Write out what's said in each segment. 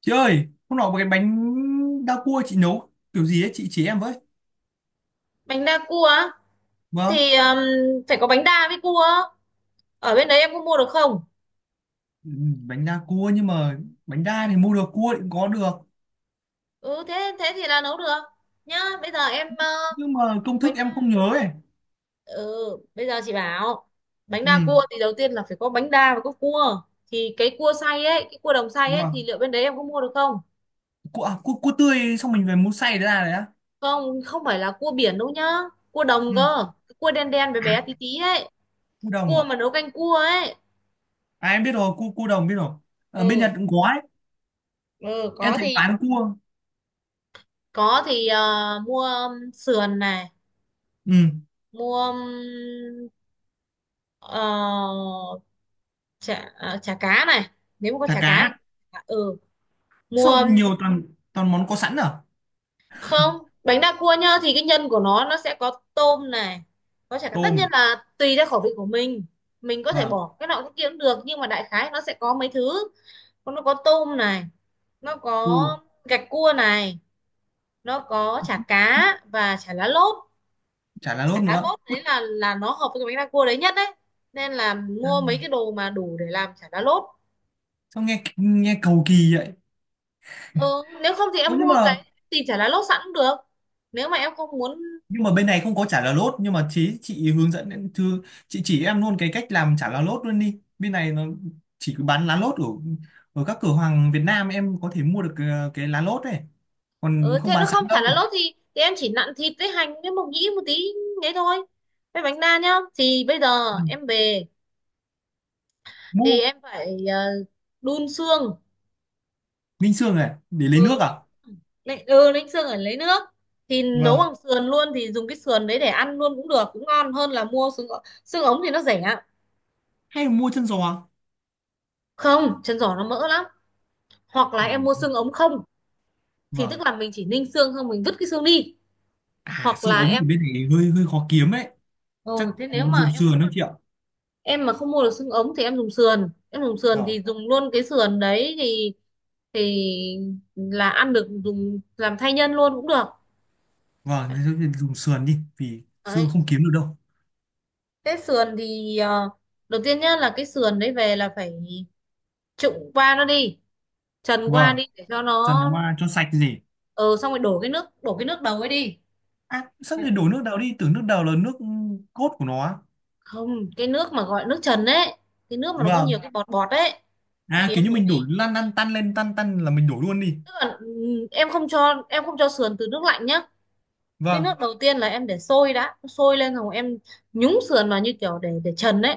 Chị ơi, hôm nọ một cái bánh đa cua chị nấu kiểu gì ấy, chị chỉ em với. Bánh đa cua á? Vâng, Thì phải có bánh đa với cua. Ở bên đấy em có mua được không? ừ, bánh đa cua nhưng mà bánh đa thì mua được, cua thì cũng có được. Ừ, thế thế thì là nấu được nhá. Bây giờ em Nhưng mà công bánh thức em đa. không nhớ ấy. Ừ, bây giờ chị bảo, bánh Ừ, đa cua thì đầu tiên là phải có bánh đa và có cua. Thì cái cua đồng xay ấy, thì vâng. liệu bên đấy em có mua được không? Cua, à, cua tươi xong mình về mua xay ra đấy á. Không, không phải là cua biển đâu nhá, cua đồng Ừ, cơ. Cái cua đen đen bé bé tí tí ấy, cua đồng cua à? mà nấu canh cua ấy. À em biết rồi, cua đồng biết rồi. Ở bên Ừ, Nhật cũng có ấy. ừ, Em có thấy thì, bán cua. Mua sườn này. Ừ, Mua ờ, chả à, chả cá này, nếu mà có thả chả cá. cá. Ừ, Sao mua. nhiều toàn toàn món có sẵn à? Không, bánh đa cua nhá, thì cái nhân của nó sẽ có tôm này, có chả cá. Tất nhiên Tôm, là tùy theo khẩu vị của mình có thể vâng, bỏ cái nào cái kia cũng được, nhưng mà đại khái nó sẽ có mấy thứ. Còn nó có tôm này, nó có cua, gạch cua này, nó có chả cá và chả lá lốt. chả lá Chả lốt lá nữa. lốt Út, đấy là nó hợp với cái bánh đa cua đấy nhất đấy, nên là mua mấy cái đồ mà đủ để làm chả lá lốt. sao nghe nghe cầu kỳ vậy? Ừ, nếu không thì em Ủa nhưng mua mà cái, thì chả lá lốt sẵn cũng được. Nếu mà em không muốn nhưng mà bên mua, này không có chả là lốt nhưng mà chị hướng dẫn em- thư chị chỉ em luôn cái cách làm chả là lốt luôn đi, bên này nó chỉ bán lá lốt ở ở các cửa hàng Việt Nam, em có thể mua được cái lá lốt này, còn ừ, không thế nó bán không sẵn chả lá đâu. lốt thì em chỉ nặn thịt với hành với mộc nhĩ một tí đấy thôi. Với bánh đa nhá. Thì bây giờ Ừ. em về thì Mua. em phải đun xương. Ninh xương này để lấy nước Ừ, à? đánh xương ở lấy nước. Thì nấu Vâng, bằng sườn luôn thì dùng cái sườn đấy để ăn luôn cũng được, cũng ngon hơn là mua xương. Xương ống thì nó rẻ. hay là mua chân giò? Không, chân giò nó mỡ lắm. Hoặc là Ừ. em mua xương ống không, thì tức Vâng. là mình chỉ ninh xương không, mình vứt cái xương đi. À, Hoặc xương là ống em thì bên này hơi hơi khó kiếm đấy, chắc ừ, Thế nếu mà dùng em sườn đó chị ạ. em mà không mua được xương ống thì em dùng sườn Vâng, thì dùng luôn cái sườn đấy, thì là ăn được, dùng làm thay nhân luôn cũng được. vâng, thế thì dùng sườn đi vì xương Đấy, không kiếm được đâu. cái sườn thì đầu tiên nhá, là cái sườn đấy về là phải trụng qua nó đi, trần qua Vâng, đi để cho dần nó. qua cho sạch gì. Ờ Xong rồi đổ cái nước đầu ấy đi. À, sao thì Dạ. đổ nước đào đi, tưởng nước đào là nước cốt của nó á. Không, cái nước mà gọi nước trần ấy, cái nước mà nó có Vâng. nhiều cái bọt bọt ấy. À, Thì kiểu em như đổ mình đi, đổ lăn lăn tăn lên tăn tăn là mình đổ luôn đi. tức là em không cho sườn từ nước lạnh nhá. Cái Vâng. nước đầu tiên là em để sôi đã, sôi lên rồi em nhúng sườn vào như kiểu để trần ấy,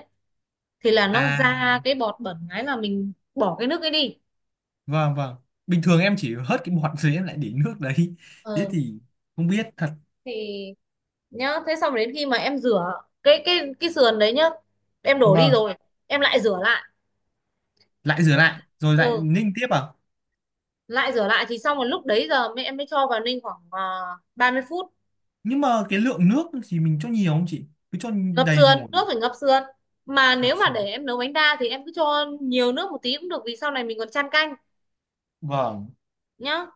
thì là nó À, ra cái bọt bẩn, cái là mình bỏ cái nước ấy đi. vâng vâng. Bình thường em chỉ hớt cái bọt rồi em lại để nước đấy. Thế ờ thì không biết thật. thì nhá, thế xong đến khi mà em rửa cái sườn đấy nhá, em đổ đi Vâng. rồi em lại rửa lại. Lại rửa lại, rồi lại Ừ, ninh tiếp à? lại rửa lại thì xong rồi lúc đấy giờ mẹ em mới cho vào ninh khoảng 30 phút. Nhưng mà cái lượng nước thì mình cho nhiều không chị? Cứ cho Ngập đầy sườn, nổi. nước phải ngập sườn. Mà nếu Ngập mà để sình. em nấu bánh đa thì em cứ cho nhiều nước một tí cũng được vì sau này mình còn chan canh Vâng. nhá.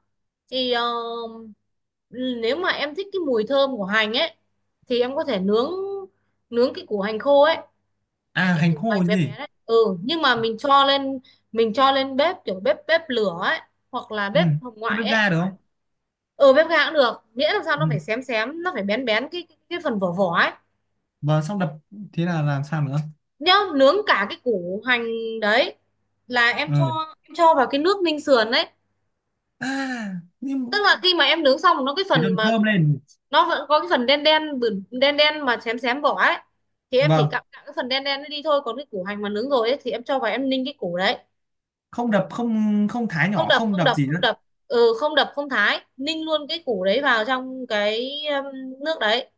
Thì nếu mà em thích cái mùi thơm của hành ấy thì em có thể nướng nướng cái củ hành khô ấy, À, cái hành củ hành khô chứ bé gì? bé đấy, ừ. Nhưng mà mình cho lên bếp, kiểu bếp bếp lửa ấy, hoặc là Ừ. bếp hồng Cứ ngoại bếp ấy. ga được không? Ừ, bếp ga cũng được, miễn làm sao Ừ. nó phải xém xém, nó phải bén bén cái phần vỏ vỏ ấy. Vâng, xong đập, thế là làm sao nữa? Nhá, nướng cả cái củ hành đấy là Ừ. em cho vào cái nước ninh sườn đấy. À, Tức nhưng là khi mà em nướng xong nó, cái thì phần thường mà thơm lên. nó vẫn có cái phần đen đen, đen đen mà xém xém vỏ ấy. Thì em chỉ Vâng, cạo cạo cái phần đen đen nó đi thôi, còn cái củ hành mà nướng rồi ấy thì em cho vào, em ninh cái củ đấy. không đập, không không thái Không nhỏ, đập, không không đập đập, gì không nữa. đập. Ừ, không đập, không thái, ninh luôn cái củ đấy vào trong cái nước đấy.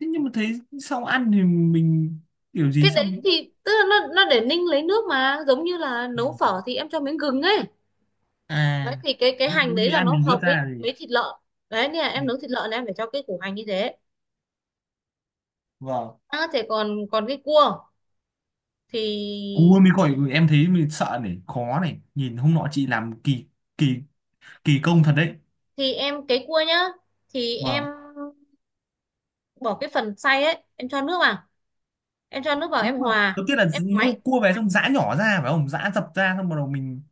Thế nhưng mà thấy sau ăn thì mình kiểu gì Cái đấy xong. thì tức là nó để ninh lấy nước, mà giống như là Ừ. nấu phở thì em cho miếng gừng ấy. Đấy À, thì cái hành có đấy gì là ăn nó mình vớt hợp với ra gì, với thịt lợn. Đấy nên là ừ. em nấu thịt lợn là em phải cho cái củ hành như thế. Vâng. Thế còn còn cái cua Cua thì, mới gọi, em thấy mình sợ này, khó này, nhìn hôm nọ chị làm kỳ kỳ kỳ công thật đấy. Cái cua nhá, thì em Vâng. bỏ cái phần xay ấy, em cho nước vào, Nhưng em mà hòa, đầu tiên là em ngoáy. ngô cua về xong giã nhỏ ra phải không, giã dập ra xong bắt đầu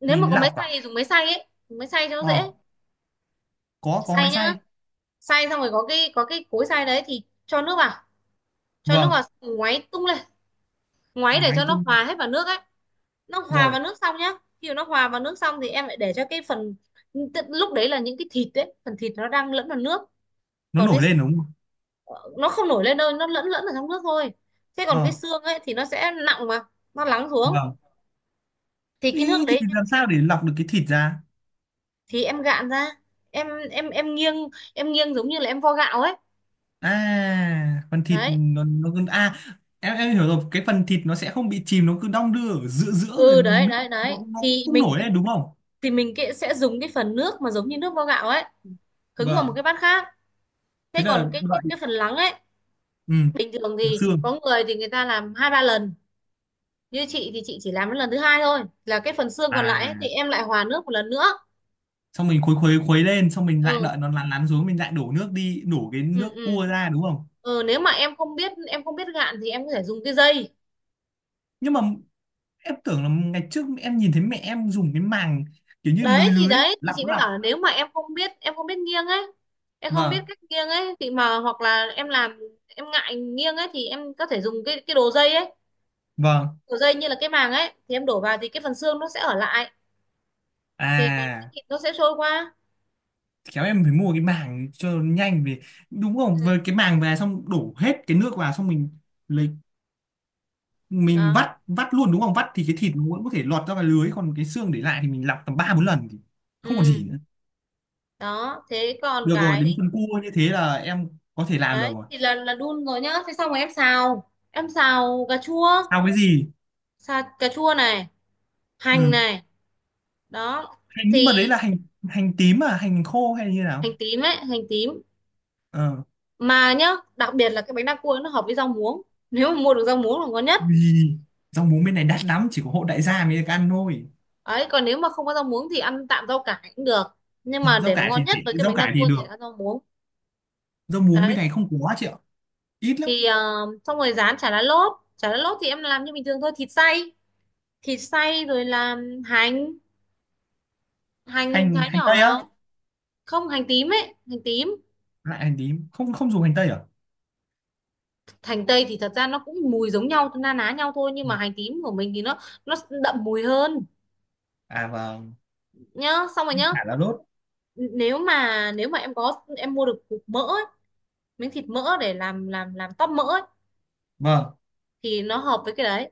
Nếu mà mình có lọc máy à? xay thì dùng máy xay ấy, dùng máy xay cho nó dễ. Ờ, có Xay máy nhá, xay. xay xong rồi có cái cối xay đấy, thì cho nước vào, Vâng. ngoáy tung lên. Ngoáy để Máy cho nó tung hòa hết vào nước ấy. Nó hòa rồi vào nước xong nhá, khi mà nó hòa vào nước xong thì em lại để cho cái phần. Tức lúc đấy là những cái thịt đấy, phần thịt nó đang lẫn vào nước. nó Còn cái, nổi lên đúng không? nó không nổi lên đâu, nó lẫn lẫn ở trong nước thôi. Thế còn cái Ờ, xương ấy thì nó sẽ nặng mà, nó lắng xuống. vâng. Thì cái nước Ý, thì đấy, thịt làm sao để lọc được cái thịt ra? thì em gạn ra, em em em nghiêng em nghiêng giống như là em vo gạo ấy. À, phần thịt Đấy, nó cứ à, em hiểu rồi, cái phần thịt nó sẽ không bị chìm, nó cứ đong đưa ở giữa giữa rồi ừ, đấy nước đấy đấy, nó, cũng không nổi đấy đúng không? thì mình cái, sẽ dùng cái phần nước mà giống như nước vo gạo ấy, hứng vào một Vâng. cái bát khác. Thế Thế còn là cái cái, đợi, cái phần lắng ấy, ừ, bình thường là thì xương. có người thì người ta làm hai ba lần, như chị thì chị chỉ làm đến lần thứ hai thôi, là cái phần xương còn lại ấy, thì À, em lại hòa nước một lần nữa. xong mình khuấy khuấy khuấy lên xong mình lại Ừ. đợi nó lăn lăn xuống, mình lại đổ nước đi, đổ cái Ừ, nước ừ, cua ra đúng không? ừ, nếu mà em không biết gạn thì em có thể dùng cái dây. Nhưng mà em tưởng là ngày trước em nhìn thấy mẹ em dùng cái màng, kiểu như lưới đấy thì lưới đấy thì lọc chị mới lọc. bảo là, nếu mà em không biết nghiêng ấy em không biết Vâng, cách nghiêng ấy, thì mà hoặc là em làm em ngại nghiêng ấy thì em có thể dùng cái đồ dây ấy. vâng. Đồ dây như là cái màng ấy, thì em đổ vào thì cái phần xương nó sẽ ở lại, thì còn cái À, thịt nó sẽ trôi qua. khéo em phải mua cái màng cho nhanh, về đúng không, Ừ. với cái màng về xong đổ hết cái nước vào, xong mình lấy mình Đó. vắt vắt luôn đúng không, vắt thì cái thịt nó vẫn có thể lọt ra cái lưới, còn cái xương để lại thì mình lọc tầm ba bốn lần thì không còn Ừ, gì nữa. đó. Thế còn Được rồi, đến cái phần cua như thế là em có thể làm được đấy rồi. thì là đun rồi nhá. Thế xong rồi em xào cà chua, Sao? Cái gì? xào cà chua này, hành Ừ. này, đó. Hành, nhưng mà đấy Thì là hành hành tím à, hành khô hay là như hành nào? tím ấy, hành tím. Ờ, Mà nhá, đặc biệt là cái bánh đa cua ấy, nó hợp với rau muống, nếu mà mua được rau muống là ngon nhất. vì rau muống bên này đắt lắm, chỉ có hộ đại gia mới được ăn thôi. Ấy còn nếu mà không có rau muống thì ăn tạm rau cải cũng được, nhưng Ờ, mà rau để mà cải ngon thì nhất rẻ, với cái rau bánh đa cải thì cua thì được, là rau muống. rau muống Đấy bên này không có chị ạ, ít lắm. thì xong rồi rán chả lá lốt. Chả lá lốt thì em làm như bình thường thôi, thịt xay rồi làm hành, hành hành thái hành nhỏ tây á? vào. Không, hành tím ấy, hành tím. Lại hành tím, không không dùng hành tây à? Hành tây thì thật ra nó cũng mùi giống nhau, na ná nhau thôi, nhưng mà hành tím của mình thì nó đậm mùi hơn. À, vâng. Nhá, xong rồi nhá. Chả là đốt. Nếu mà nếu mà em có em mua được cục mỡ ấy, miếng thịt mỡ để làm tóp mỡ ấy, Vâng. thì nó hợp với cái đấy.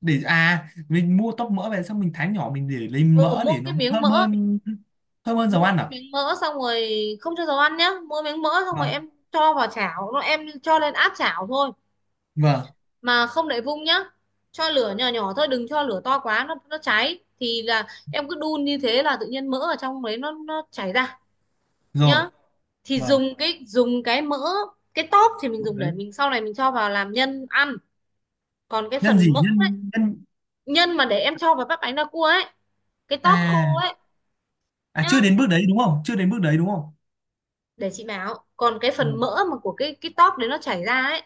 Để à, mình mua tóp mỡ về xong mình thái nhỏ mình để lấy Ừ, mỡ để nó thơm hơn, thơm hơn dầu mua ăn cái à? miếng mỡ xong rồi, không cho dầu ăn nhá. Mua miếng mỡ xong rồi, Vâng. em cho vào chảo nó em cho lên áp chảo thôi. Vâng, Mà không để vung nhá, cho lửa nhỏ nhỏ thôi, đừng cho lửa to quá nó cháy. Thì là em cứ đun như thế là tự nhiên mỡ ở trong đấy nó chảy ra rồi. nhá. Thì Vâng, dùng cái mỡ. Cái tóp thì mình dùng để đấy, mình sau này mình cho vào làm nhân ăn. Còn cái nhân phần gì, mỡ, nhân nhân? nhân mà để em cho vào bắp bánh đa cua ấy, cái tóp khô À, ấy. Chưa Nhá, đến bước đấy đúng không, chưa đến bước đấy đúng không. để chị bảo, còn cái phần Vâng. mỡ mà của cái tóp đấy nó chảy ra ấy,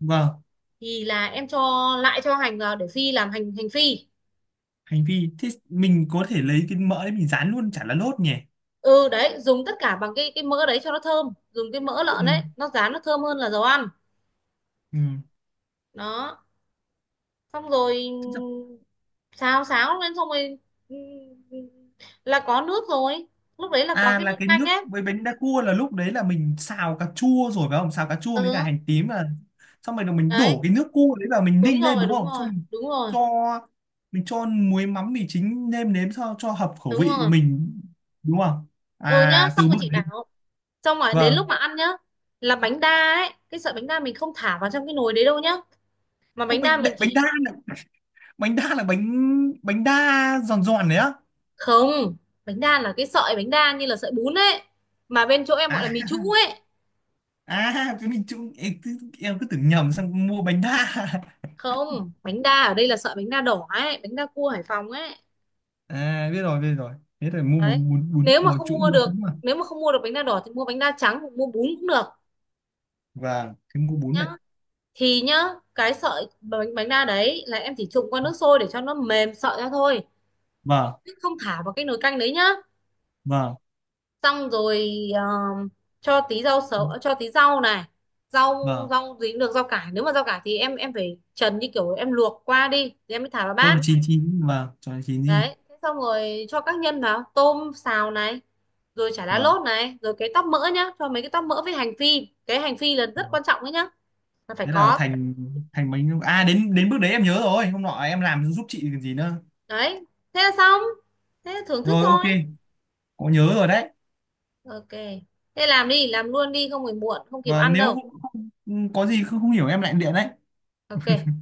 Vâng. thì là em cho, lại cho hành vào để phi làm hành, hành phi. Hành vi, thế mình có thể lấy cái mỡ đấy mình rán luôn chả là lốt nhỉ? Ừ đấy, dùng tất cả bằng cái mỡ đấy cho nó thơm, dùng cái mỡ lợn Ừ, đấy nó rán nó thơm hơn là dầu ăn. ừ. Đó, xong rồi xào xáo lên, xong rồi, ừ, là có nước rồi, lúc đấy là có À, cái là nước cái canh nước ấy. với bánh đa cua là lúc đấy là mình xào cà chua rồi phải không? Xào cà chua với cả hành Ừ, tím là xong rồi là mình đấy, đổ cái nước cua đấy vào mình đúng ninh lên rồi, đúng đúng không? rồi, Xong đúng rồi, cho mình cho muối mắm mì chính nêm nếm cho hợp khẩu đúng vị rồi. mình đúng không? Ừ nhá, À, xong từ rồi bước chị đấy. bảo, xong rồi đến lúc Vâng. mà ăn nhá. Là bánh đa ấy, cái sợi bánh đa mình không thả vào trong cái nồi đấy đâu nhá, mà Ô, bánh đa mình bánh chỉ. đa là bánh đa là bánh bánh đa giòn giòn đấy á. Không, bánh đa là cái sợi bánh đa như là sợi bún ấy, mà bên chỗ em gọi là À mì trũ ấy. à cái mình chung em cứ, tưởng nhầm sang mua bánh đa. Không, bánh đa ở đây là sợi bánh đa đỏ ấy, bánh đa cua Hải Phòng ấy. À, biết rồi biết rồi. Thế là mua Đấy, bún bún bún nếu mà bún không trũng mua bún được trũng. nếu mà không mua được bánh đa đỏ thì mua bánh đa trắng hoặc mua bún cũng được. Vâng, cái mũ bún Nhá, này. thì nhá, cái sợi bánh bánh đa đấy là em chỉ trụng qua nước sôi để cho nó mềm sợi ra thôi, Vâng, chứ không thả vào cái nồi canh đấy nhá. vâng, Xong rồi ờ, cho tí rau sấu, cho tí rau này, rau vâng, rau gì cũng được, rau cải. Nếu mà rau cải thì em phải trần như kiểu em luộc qua đi thì em mới thả vào cho là bát. chín chín. Vâng, cho là chín gì. Đấy, thế xong rồi cho các nhân vào, tôm xào này, rồi chả lá Vâng, lốt này, rồi cái tóp mỡ nhá, cho mấy cái tóp mỡ với hành phi. Cái hành phi là rất vâng. quan trọng đấy nhá, là phải Thế là có. thành thành bánh à, đến đến bước đấy em nhớ rồi, hôm nọ em làm giúp chị còn gì nữa. Đấy, thế là xong, thế là thưởng thức Rồi, ok, thôi. có nhớ rồi đấy. Ok, thế làm đi, làm luôn đi, không phải muộn không kịp Và ăn nếu đâu. Có gì không, không hiểu em lại điện đấy. Ok.